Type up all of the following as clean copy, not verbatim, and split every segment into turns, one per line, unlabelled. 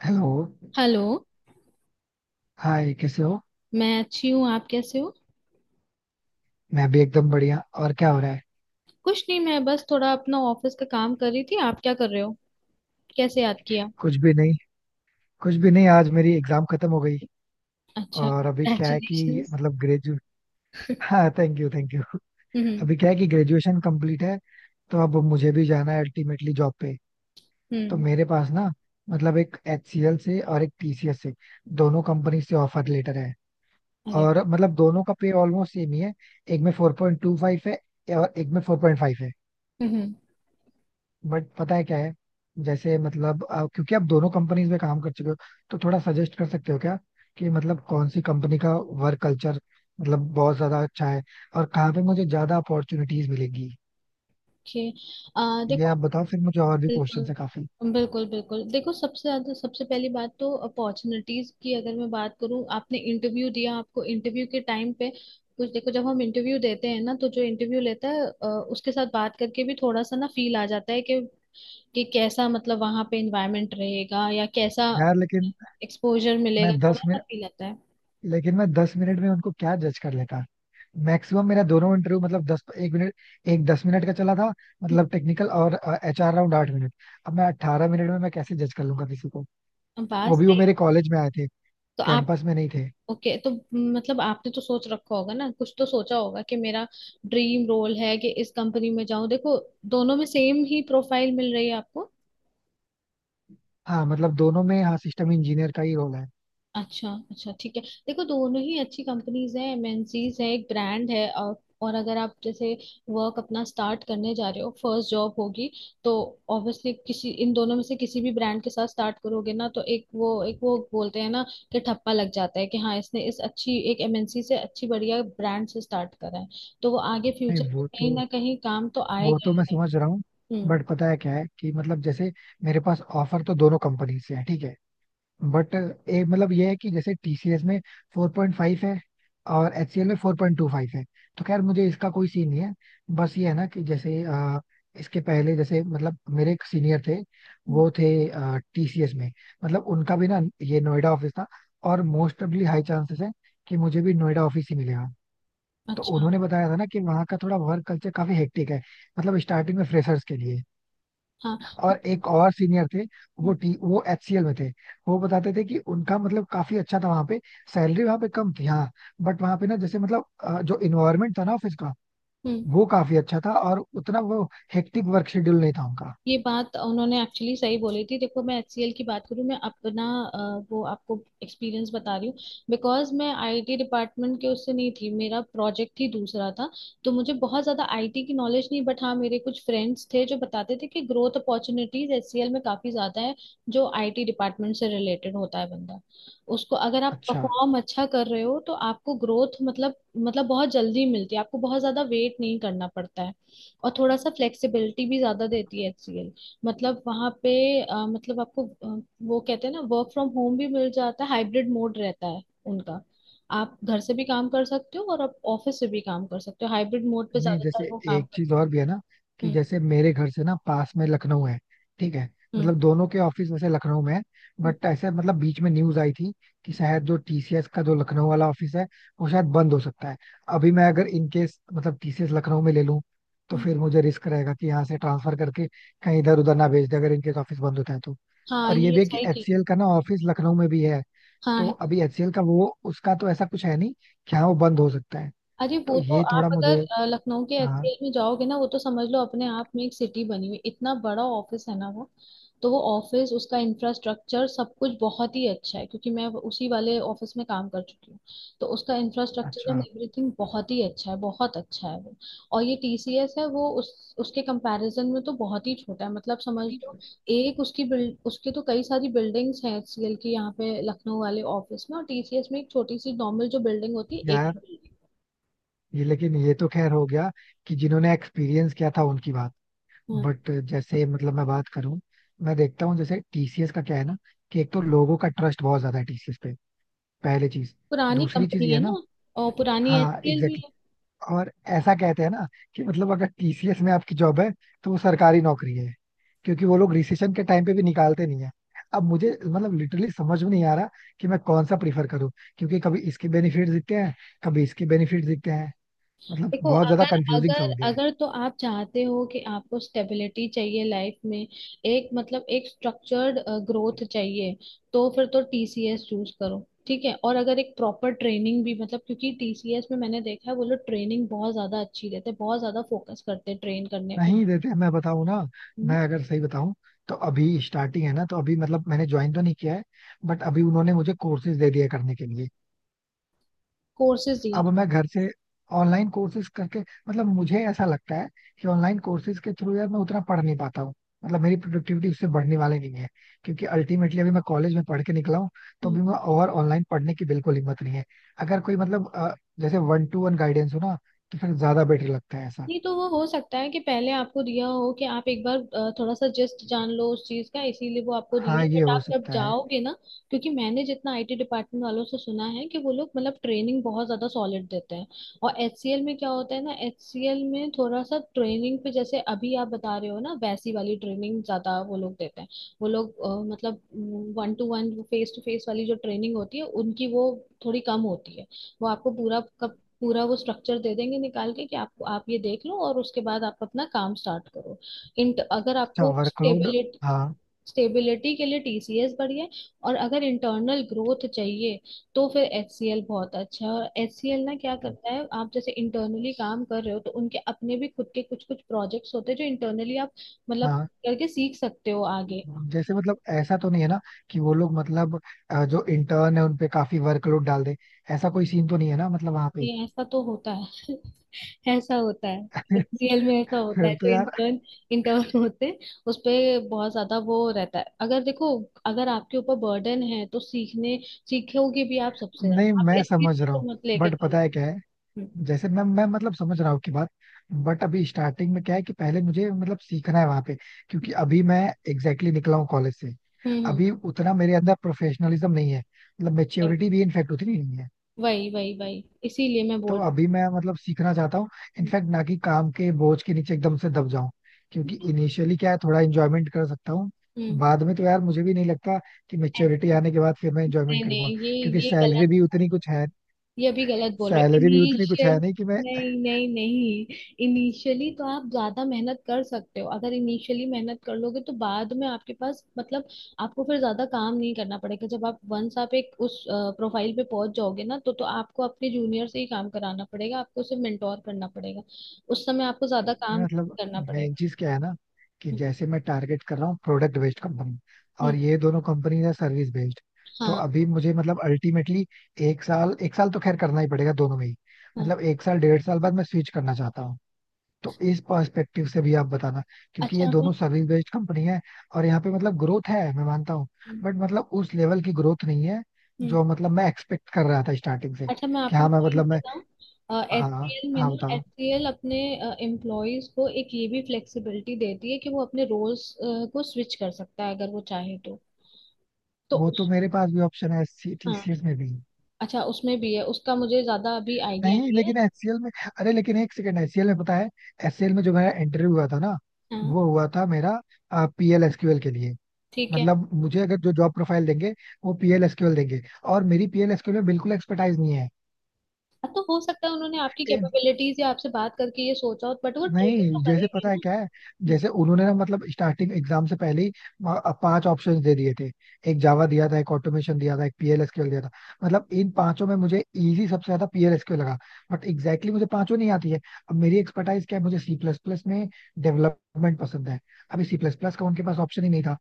Hello.
Hello.
Hi, कैसे हो?
मैं अच्छी हूँ, आप कैसे हो?
मैं भी एकदम बढ़िया। और क्या हो रहा है?
कुछ नहीं, मैं बस थोड़ा अपना ऑफिस का काम कर रही थी। आप क्या कर रहे हो? कैसे याद किया?
कुछ भी नहीं। कुछ भी नहीं, आज मेरी एग्जाम खत्म हो गई।
अच्छा,
और अभी क्या है
कंग्रेचुलेशन।
कि मतलब ग्रेजु हाँ, थैंक यू, थैंक यू।
हम्म।
अभी क्या है कि ग्रेजुएशन कंप्लीट है, तो अब मुझे भी जाना है अल्टीमेटली जॉब पे। तो
हम्म।
मेरे पास ना, मतलब एक एचसीएल से और एक टीसीएस से, दोनों कंपनी से ऑफर लेटर है।
अरे।
और मतलब दोनों का पे ऑलमोस्ट सेम ही है। एक में 4.25 है और एक में 4.5 है।
हम्म।
बट पता है क्या है, जैसे मतलब क्योंकि आप दोनों कंपनीज में काम कर चुके हो, तो थोड़ा सजेस्ट कर सकते हो क्या, कि मतलब कौन सी कंपनी का वर्क कल्चर मतलब बहुत ज्यादा अच्छा है, और कहाँ पे मुझे ज्यादा अपॉर्चुनिटीज मिलेंगी।
ओके। आ
ये
देखो,
आप बताओ, फिर मुझे और भी क्वेश्चन
बिल्कुल।
है काफी।
बिल्कुल देखो, सबसे ज्यादा सबसे पहली बात तो अपॉर्चुनिटीज की अगर मैं बात करूँ, आपने इंटरव्यू दिया, आपको इंटरव्यू के टाइम पे कुछ, देखो, जब हम इंटरव्यू देते हैं ना, तो जो इंटरव्यू लेता है उसके साथ बात करके भी थोड़ा सा ना फील आ जाता है कि कैसा, मतलब वहां पे एनवायरनमेंट रहेगा या कैसा
यार, लेकिन
एक्सपोजर
मैं
मिलेगा,
दस
थोड़ा सा
मिनट
फील आता है।
लेकिन मैं दस मिनट में उनको क्या जज कर लेता? मैक्सिमम मेरा दोनों इंटरव्यू मतलब दस एक मिनट एक 10 मिनट का चला था, मतलब टेक्निकल, और एचआर राउंड 8 मिनट। अब मैं 18 मिनट में मैं कैसे जज कर लूंगा किसी को?
बात
वो भी वो
सही।
मेरे कॉलेज में आए थे,
तो आप,
कैंपस में नहीं थे।
ओके तो मतलब आपने तो सोच रखा होगा ना, कुछ तो सोचा होगा कि मेरा ड्रीम रोल है कि इस कंपनी में जाऊं। देखो, दोनों में सेम ही प्रोफाइल मिल रही है आपको।
हाँ, मतलब दोनों में हाँ सिस्टम इंजीनियर का ही रोल है।
अच्छा अच्छा, ठीक है, देखो दोनों ही अच्छी कंपनीज हैं, एमएनसीज है, एक ब्रांड है। और अगर आप जैसे वर्क अपना स्टार्ट करने जा रहे हो, फर्स्ट जॉब होगी, तो ऑब्वियसली किसी इन दोनों में से किसी भी ब्रांड के साथ स्टार्ट करोगे ना, तो एक वो बोलते हैं ना कि ठप्पा लग जाता है कि हाँ इसने इस अच्छी एक एमएनसी से, अच्छी बढ़िया ब्रांड से स्टार्ट करा है, तो वो आगे
नहीं,
फ्यूचर में
वो
कहीं
तो
ना कहीं काम तो
वो
आएगा
तो
ही
मैं
है।
समझ रहा हूँ।
हम्म।
बट पता है क्या है कि मतलब जैसे मेरे पास ऑफर तो दोनों कंपनी से है, ठीक है, बट एक मतलब ये है कि जैसे टीसीएस में 4.5 है और एचसीएल में 4.25 है, तो खैर मुझे इसका कोई सीन नहीं है। बस ये है ना, कि जैसे इसके पहले जैसे मतलब मेरे एक सीनियर थे,
हम्म।
वो थे टीसीएस में। मतलब उनका भी ना ये नोएडा ऑफिस था, और मोस्ट प्रोबेबली हाई चांसेस है कि मुझे भी नोएडा ऑफिस ही मिलेगा। तो
अच्छा।
उन्होंने बताया था ना कि वहाँ का थोड़ा वर्क कल्चर काफी हेक्टिक है, मतलब स्टार्टिंग में फ्रेशर्स के लिए।
हाँ
और
हम्म।
एक और सीनियर थे, वो
हम्म।
टी वो एचसीएल में थे। वो बताते थे कि उनका मतलब काफी अच्छा था वहां पे, सैलरी वहां पे कम थी हाँ, बट वहां पे ना जैसे मतलब जो इन्वायरमेंट था ना ऑफिस का,
हम्म।
वो काफी अच्छा था, और उतना वो हेक्टिक वर्क शेड्यूल नहीं था उनका।
ये बात उन्होंने एक्चुअली सही बोली थी। देखो, मैं एचसीएल की बात करूँ, मैं अपना वो आपको एक्सपीरियंस बता रही हूँ, बिकॉज मैं आईटी डिपार्टमेंट के उससे नहीं थी, मेरा प्रोजेक्ट ही दूसरा था, तो मुझे बहुत ज़्यादा आईटी की नॉलेज नहीं। बट हाँ, मेरे कुछ फ्रेंड्स थे जो बताते थे कि ग्रोथ अपॉर्चुनिटीज एचसीएल में काफ़ी ज़्यादा है। जो आईटी डिपार्टमेंट से रिलेटेड होता है बंदा, उसको अगर आप
अच्छा।
परफॉर्म अच्छा कर रहे हो, तो आपको ग्रोथ मतलब बहुत जल्दी मिलती है, आपको बहुत ज़्यादा वेट नहीं करना पड़ता है। और थोड़ा सा फ्लेक्सिबिलिटी भी ज्यादा देती है HCL। मतलब वहाँ पे मतलब आपको वो कहते हैं ना, वर्क फ्रॉम होम भी मिल जाता है, हाइब्रिड मोड रहता है उनका। आप घर से भी काम कर सकते हो और आप ऑफिस से भी काम कर सकते हो, हाइब्रिड मोड पे
नहीं जैसे
ज्यादातर वो काम
एक चीज और
करते
भी है ना, कि
हैं।
जैसे मेरे घर से ना पास में लखनऊ है, ठीक है।
हम्म। हम्म।
मतलब दोनों के ऑफिस वैसे लखनऊ में है,
हम्म।
बट ऐसे मतलब बीच में न्यूज आई थी कि शायद जो टीसीएस का जो लखनऊ वाला ऑफिस है, वो शायद बंद हो सकता है। अभी मैं अगर इन केस मतलब टीसीएस लखनऊ में ले लूं, तो
हम्म।
फिर मुझे रिस्क रहेगा कि यहाँ से ट्रांसफर करके कहीं इधर उधर ना भेज दे, अगर इनकेस ऑफिस बंद होता है तो।
हाँ,
और ये
ये
भी है कि
सही कह रही
एचसीएल
हो।
का ना ऑफिस लखनऊ में भी है,
हाँ
तो
है।
अभी एचसीएल का वो, उसका तो ऐसा कुछ है नहीं कि हाँ वो बंद हो सकता है।
अरे
तो
वो तो,
ये
आप
थोड़ा
अगर
मुझे,
लखनऊ के
हाँ,
एचसीएल में जाओगे ना, वो तो समझ लो अपने आप में एक सिटी बनी हुई, इतना बड़ा ऑफिस है ना वो। तो वो ऑफिस, उसका इंफ्रास्ट्रक्चर सब कुछ बहुत ही अच्छा है क्योंकि मैं उसी वाले ऑफिस में काम कर चुकी हूँ। तो उसका इंफ्रास्ट्रक्चर एंड
अच्छा
एवरीथिंग बहुत ही अच्छा है, बहुत अच्छा है वो। और ये टीसीएस है वो, उस उसके कंपैरिजन में तो बहुत ही छोटा है। मतलब समझ लो एक उसकी बिल्ड, उसके तो कई सारी बिल्डिंग्स हैं एचसीएल की यहाँ पे लखनऊ वाले ऑफिस में, और टीसीएस में एक छोटी सी नॉर्मल जो बिल्डिंग होती है, एक
यार,
ही बिल्डिंग।
ये लेकिन ये तो खैर हो गया, कि जिन्होंने एक्सपीरियंस किया था उनकी बात। बट जैसे मतलब मैं बात करूं, मैं देखता हूँ जैसे टीसीएस का क्या है ना, कि एक तो लोगों का ट्रस्ट बहुत ज्यादा है टीसीएस पे, पहली चीज।
पुरानी
दूसरी चीज
कंपनी
ये है
है
ना,
ना। और पुरानी
हाँ
एचसीएल भी
एग्जैक्टली,
है।
और ऐसा कहते हैं ना कि मतलब अगर टीसीएस में आपकी जॉब है, तो वो सरकारी नौकरी है, क्योंकि वो लोग रिसेशन के टाइम पे भी निकालते नहीं है। अब मुझे मतलब लिटरली समझ में नहीं आ रहा कि मैं कौन सा प्रीफर करूं, क्योंकि कभी इसके बेनिफिट दिखते हैं, कभी इसके बेनिफिट दिखते हैं। मतलब
देखो,
बहुत ज्यादा
अगर
कंफ्यूजिंग सा
अगर
हो गया है।
अगर तो आप चाहते हो कि आपको स्टेबिलिटी चाहिए लाइफ में, एक मतलब एक स्ट्रक्चर्ड ग्रोथ चाहिए, तो फिर तो टीसीएस चूज करो, ठीक है। और अगर एक प्रॉपर ट्रेनिंग भी मतलब, क्योंकि टीसीएस में मैंने देखा है वो लोग ट्रेनिंग बहुत ज्यादा अच्छी देते हैं, बहुत ज्यादा फोकस करते हैं ट्रेन करने पे।
नहीं देते, मैं बताऊं ना, मैं अगर सही बताऊं, तो अभी स्टार्टिंग है ना, तो अभी मतलब मैंने ज्वाइन तो नहीं किया है, बट अभी उन्होंने मुझे कोर्सेज दे दिए करने के लिए।
कोर्सेज दिए?
अब मैं घर से ऑनलाइन कोर्सेज करके मतलब मुझे ऐसा लगता है कि ऑनलाइन कोर्सेज के थ्रू यार मैं उतना पढ़ नहीं पाता हूँ, मतलब मेरी प्रोडक्टिविटी उससे बढ़ने वाली नहीं है, क्योंकि अल्टीमेटली अभी मैं कॉलेज में पढ़ के निकला हूँ, तो
हम्म।
अभी मैं और ऑनलाइन पढ़ने की बिल्कुल हिम्मत नहीं है। अगर कोई मतलब जैसे वन टू वन गाइडेंस हो ना, तो फिर ज्यादा बेटर लगता है ऐसा।
नहीं, तो वो हो सकता है कि पहले आपको दिया हो कि आप एक बार थोड़ा सा जस्ट जान लो उस चीज का, इसीलिए वो आपको दिए।
हाँ, ये
बट
हो
आप जब
सकता है।
जाओगे ना, क्योंकि मैंने जितना आईटी डिपार्टमेंट वालों से सुना है कि वो लोग मतलब ट्रेनिंग बहुत ज्यादा सॉलिड देते हैं। और एचसीएल में क्या होता है ना, एचसीएल में थोड़ा सा ट्रेनिंग पे जैसे अभी आप बता रहे हो ना, वैसी वाली ट्रेनिंग ज्यादा वो लोग देते हैं। वो लोग मतलब one to one face to face वाली जो ट्रेनिंग होती है उनकी, वो थोड़ी कम होती है। वो आपको पूरा का पूरा वो स्ट्रक्चर दे देंगे निकाल के कि आपको आप ये देख लो, और उसके बाद आप अपना काम स्टार्ट करो। इन अगर
अच्छा
आपको
वर्कलोड,
स्टेबिलिटी,
हाँ।
स्टेबिलिटी के लिए टीसीएस बढ़िया है। और अगर इंटरनल ग्रोथ चाहिए, तो फिर एचसीएल बहुत अच्छा है। और एचसीएल ना क्या करता है, आप जैसे इंटरनली काम कर रहे हो, तो उनके अपने भी खुद के कुछ कुछ प्रोजेक्ट्स होते हैं जो इंटरनली आप मतलब
हाँ,
करके सीख सकते हो आगे।
जैसे मतलब ऐसा तो नहीं है ना, कि वो लोग मतलब जो इंटर्न है उन पे काफी वर्कलोड डाल दे, ऐसा कोई सीन तो नहीं है ना मतलब वहां पे।
ये ऐसा तो होता है। ऐसा होता है, एचसीएल में ऐसा होता
फिर
है।
तो
जो
यार,
इंटर्न इंटर्न होते हैं उस पे बहुत ज्यादा वो रहता है। अगर देखो, अगर आपके ऊपर बर्डन है तो सीखने सीखोगे भी आप सबसे
नहीं
ज्यादा, आप
मैं
इस चीज
समझ रहा
को
हूँ,
तो मत लेके
बट
चलो।
पता है क्या है।
हम्म।
जैसे मैं मतलब समझ रहा हूँ की बात, बट अभी स्टार्टिंग में क्या है कि पहले मुझे मतलब सीखना है वहां पे, क्योंकि अभी मैं एग्जैक्टली exactly निकला हूँ कॉलेज से।
हम्म।
अभी उतना मेरे अंदर प्रोफेशनलिज्म नहीं है, मतलब
हम्म,
मेच्योरिटी भी इनफेक्ट उतनी नहीं है।
वही वही वही इसीलिए मैं
तो
बोल।
अभी मैं मतलब सीखना चाहता हूँ, इनफैक्ट ना, कि काम के बोझ के नीचे एकदम से दब जाऊं, क्योंकि इनिशियली क्या है, थोड़ा एंजॉयमेंट कर सकता हूँ।
हम्म।
बाद में तो यार मुझे भी नहीं लगता कि
ऐसा
मेच्योरिटी आने के बाद फिर मैं एंजॉयमेंट
नहीं
करूंगा,
नहीं, ये
क्योंकि
ये गलत, ये भी गलत बोल रहे।
सैलरी भी उतनी कुछ
इनिशियल
है नहीं कि मैं
नहीं नहीं नहीं, इनिशियली तो आप ज्यादा मेहनत कर सकते हो। अगर इनिशियली मेहनत कर लोगे तो बाद में आपके पास मतलब, आपको फिर ज्यादा काम नहीं करना पड़ेगा। जब आप वंस आप एक उस प्रोफाइल पे पहुंच जाओगे ना, तो आपको अपने जूनियर से ही काम कराना पड़ेगा, आपको उसे मेंटोर करना पड़ेगा। उस समय आपको ज्यादा
ये
काम
मतलब।
करना
मेन
पड़ेगा।
चीज क्या है ना, कि
हम्म।
जैसे मैं टारगेट कर रहा हूँ प्रोडक्ट बेस्ड कंपनी,
हम्म,
और ये दोनों कंपनी है सर्विस बेस्ड। तो
हाँ।
अभी मुझे मतलब अल्टीमेटली एक साल तो खैर करना ही पड़ेगा दोनों में ही।
हाँ,
मतलब एक साल 1.5 साल बाद मैं स्विच करना चाहता हूँ, तो इस पर्सपेक्टिव से भी आप बताना, क्योंकि
अच्छा।
ये
मैं
दोनों सर्विस बेस्ड कंपनी है, और यहाँ पे मतलब ग्रोथ है मैं मानता हूँ,
हम्म।
बट मतलब उस लेवल की ग्रोथ नहीं है,
हम्म।
जो मतलब मैं एक्सपेक्ट कर रहा था स्टार्टिंग से,
अच्छा, मैं
कि
आपको
हाँ
एक
मैं
चीज
मतलब मैं,
बताऊं,
हाँ,
एचसीएल में
हाँ
ना,
बताओ।
एचसीएल अपने एम्प्लॉयज को एक ये भी फ्लेक्सिबिलिटी देती है कि वो अपने रोल्स को स्विच कर सकता है अगर वो चाहे तो। तो
वो तो
उस,
मेरे पास भी ऑप्शन है
हाँ।
एससीटीसीएस में भी।
अच्छा, उसमें भी है, उसका मुझे ज्यादा अभी आइडिया
नहीं
नहीं है।
लेकिन एचसीएल में, अरे लेकिन एक सेकंड, एचसीएल में पता है, एचसीएल में जो मेरा इंटरव्यू हुआ था ना,
हाँ,
वो हुआ था मेरा पीएलएसक्यूएल के लिए,
ठीक है।
मतलब मुझे अगर जो जॉब प्रोफाइल देंगे वो पीएलएसक्यूएल देंगे, और मेरी पीएलएसक्यूएल में बिल्कुल एक्सपर्टाइज नहीं
हाँ, तो हो सकता है उन्होंने आपकी
है।
कैपेबिलिटीज या आपसे बात करके ये सोचा हो, बट वो ट्रेन तो
नहीं जैसे
करेंगे
पता है
ना।
क्या है,
अच्छा।
जैसे उन्होंने ना मतलब स्टार्टिंग एग्जाम से पहले ही वहाँ पांच ऑप्शंस दे दिए थे, एक जावा दिया था, एक ऑटोमेशन दिया था, एक पीएलएसक्यूएल दिया था। मतलब इन पांचों में मुझे इजी सबसे ज्यादा पीएलएसक्यूएल लगा, बट एग्जैक्टली मुझे पांचों नहीं आती है। अब मेरी एक्सपर्टाइज क्या है, मुझे सी प्लस प्लस में डेवलपमेंट पसंद है, अभी सी प्लस प्लस का उनके पास ऑप्शन ही नहीं था।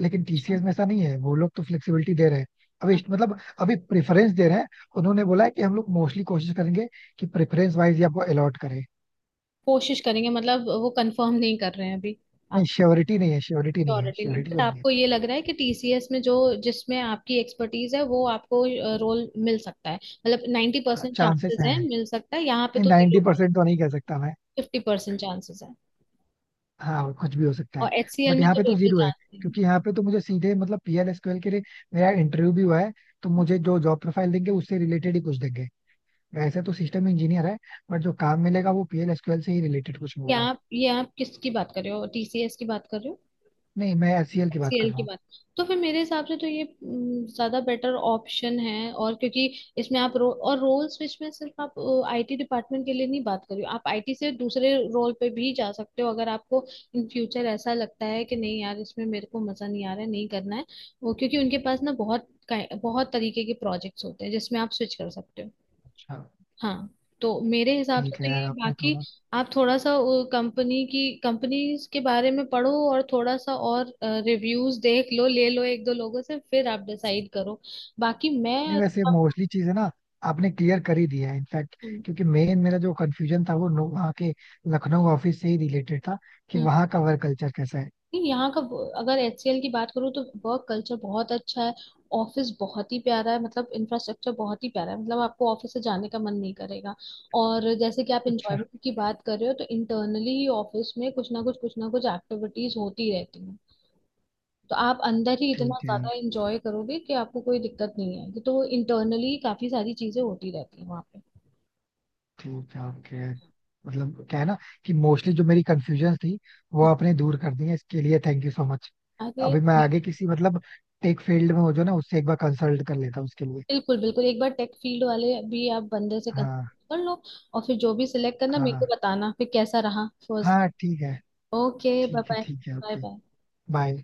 लेकिन
अच्छा,
टीसीएस में ऐसा नहीं है, वो लोग तो फ्लेक्सिबिलिटी दे रहे हैं। अभी
हाँ,
मतलब अभी प्रेफरेंस दे रहे हैं, उन्होंने बोला है कि हम लोग मोस्टली कोशिश करेंगे कि प्रेफरेंस वाइज ही आपको अलॉट करें।
कोशिश करेंगे मतलब वो कंफर्म नहीं कर रहे हैं अभी
नहीं,
आप।
श्योरिटी नहीं है,
श्योरिटी नहीं,
श्योरिटी
बट
तो नहीं है।
आपको ये लग रहा है कि टीसीएस में जो जिसमें आपकी एक्सपर्टीज है वो आपको रोल मिल सकता है, मतलब नाइन्टी
हाँ
परसेंट
चांसेस
चांसेस है
हैं।
मिल सकता है, यहाँ पे
नहीं,
तो जीरो।
90% तो नहीं कह सकता मैं,
फिफ्टी परसेंट चांसेस है।
हाँ कुछ भी हो सकता है।
और एचसीएल
बट
में
यहाँ
तो
पे तो
बिल्कुल
जीरो है,
चांस नहीं है।
क्योंकि यहाँ पे तो मुझे सीधे मतलब पीएल एसक्यूएल के लिए मेरा इंटरव्यू भी हुआ है, तो मुझे जो जॉब प्रोफाइल देंगे उससे रिलेटेड ही कुछ देंगे। वैसे तो सिस्टम इंजीनियर है, बट जो काम मिलेगा वो पीएल एसक्यूएल से ही रिलेटेड कुछ
ये
मिलेगा।
आप, ये आप किसकी बात कर रहे हो, टीसीएस की बात कर रहे हो?
नहीं मैं एचसीएल की बात कर
एचसीएल
रहा
की
हूँ।
बात, तो फिर मेरे हिसाब से तो ये ज्यादा बेटर ऑप्शन है। और क्योंकि इसमें आप और रोल स्विच में सिर्फ आप आईटी डिपार्टमेंट के लिए नहीं बात कर रही हो, आप आईटी से दूसरे रोल पे भी जा सकते हो अगर आपको इन फ्यूचर ऐसा लगता है कि नहीं यार, इसमें मेरे को मजा नहीं आ रहा है, नहीं करना है वो। क्योंकि उनके पास ना बहुत बहुत तरीके के प्रोजेक्ट्स होते हैं जिसमें आप स्विच कर सकते हो।
अच्छा,
हाँ, तो मेरे हिसाब से
ठीक है
तो
यार,
ये।
आपने
बाकी
थोड़ा
आप थोड़ा सा कंपनी की कंपनीज के बारे में पढ़ो और थोड़ा सा और रिव्यूज देख लो, ले लो एक दो लोगों से, फिर आप डिसाइड करो। बाकी
नहीं
मैं
वैसे मोस्टली चीजें ना आपने क्लियर कर ही दिया है इनफैक्ट,
हम्म।
क्योंकि मेन मेरा जो कंफ्यूजन था वो वहाँ के लखनऊ ऑफिस से ही रिलेटेड था, कि
हम्म।
वहाँ का वर्क कल्चर कैसा है।
नहीं, यहाँ का अगर एचसीएल की बात करूँ तो वर्क कल्चर बहुत अच्छा है, ऑफिस बहुत ही प्यारा है, मतलब इंफ्रास्ट्रक्चर बहुत ही प्यारा है, मतलब आपको ऑफिस से जाने का मन नहीं करेगा। और जैसे कि आप
अच्छा,
एंजॉयमेंट की बात कर रहे हो, तो इंटरनली ही ऑफिस में कुछ ना कुछ, कुछ ना कुछ एक्टिविटीज होती रहती हैं। तो आप अंदर ही इतना
ठीक है यार,
ज्यादा एंजॉय करोगे कि आपको कोई दिक्कत नहीं आएगी, तो इंटरनली काफी सारी चीजें होती रहती हैं वहाँ पे।
ठीक है ओके। मतलब क्या है ना, कि मोस्टली जो मेरी कंफ्यूजन थी वो आपने दूर कर दी है, इसके लिए थैंक यू सो मच।
अरे
अभी मैं आगे किसी मतलब टेक फील्ड में हो जो ना, उससे एक बार कंसल्ट कर लेता हूँ उसके लिए।
बिल्कुल, बिल्कुल एक बार टेक फील्ड वाले भी आप बंदे से कर
हाँ,
कर लो। और फिर जो भी सिलेक्ट करना मेरे को
हाँ,
बताना फिर कैसा रहा फर्स्ट।
हाँ, ठीक है,
ओके, बाय
ठीक है,
बाय।
ठीक है
बाय
ओके
बाय।
बाय।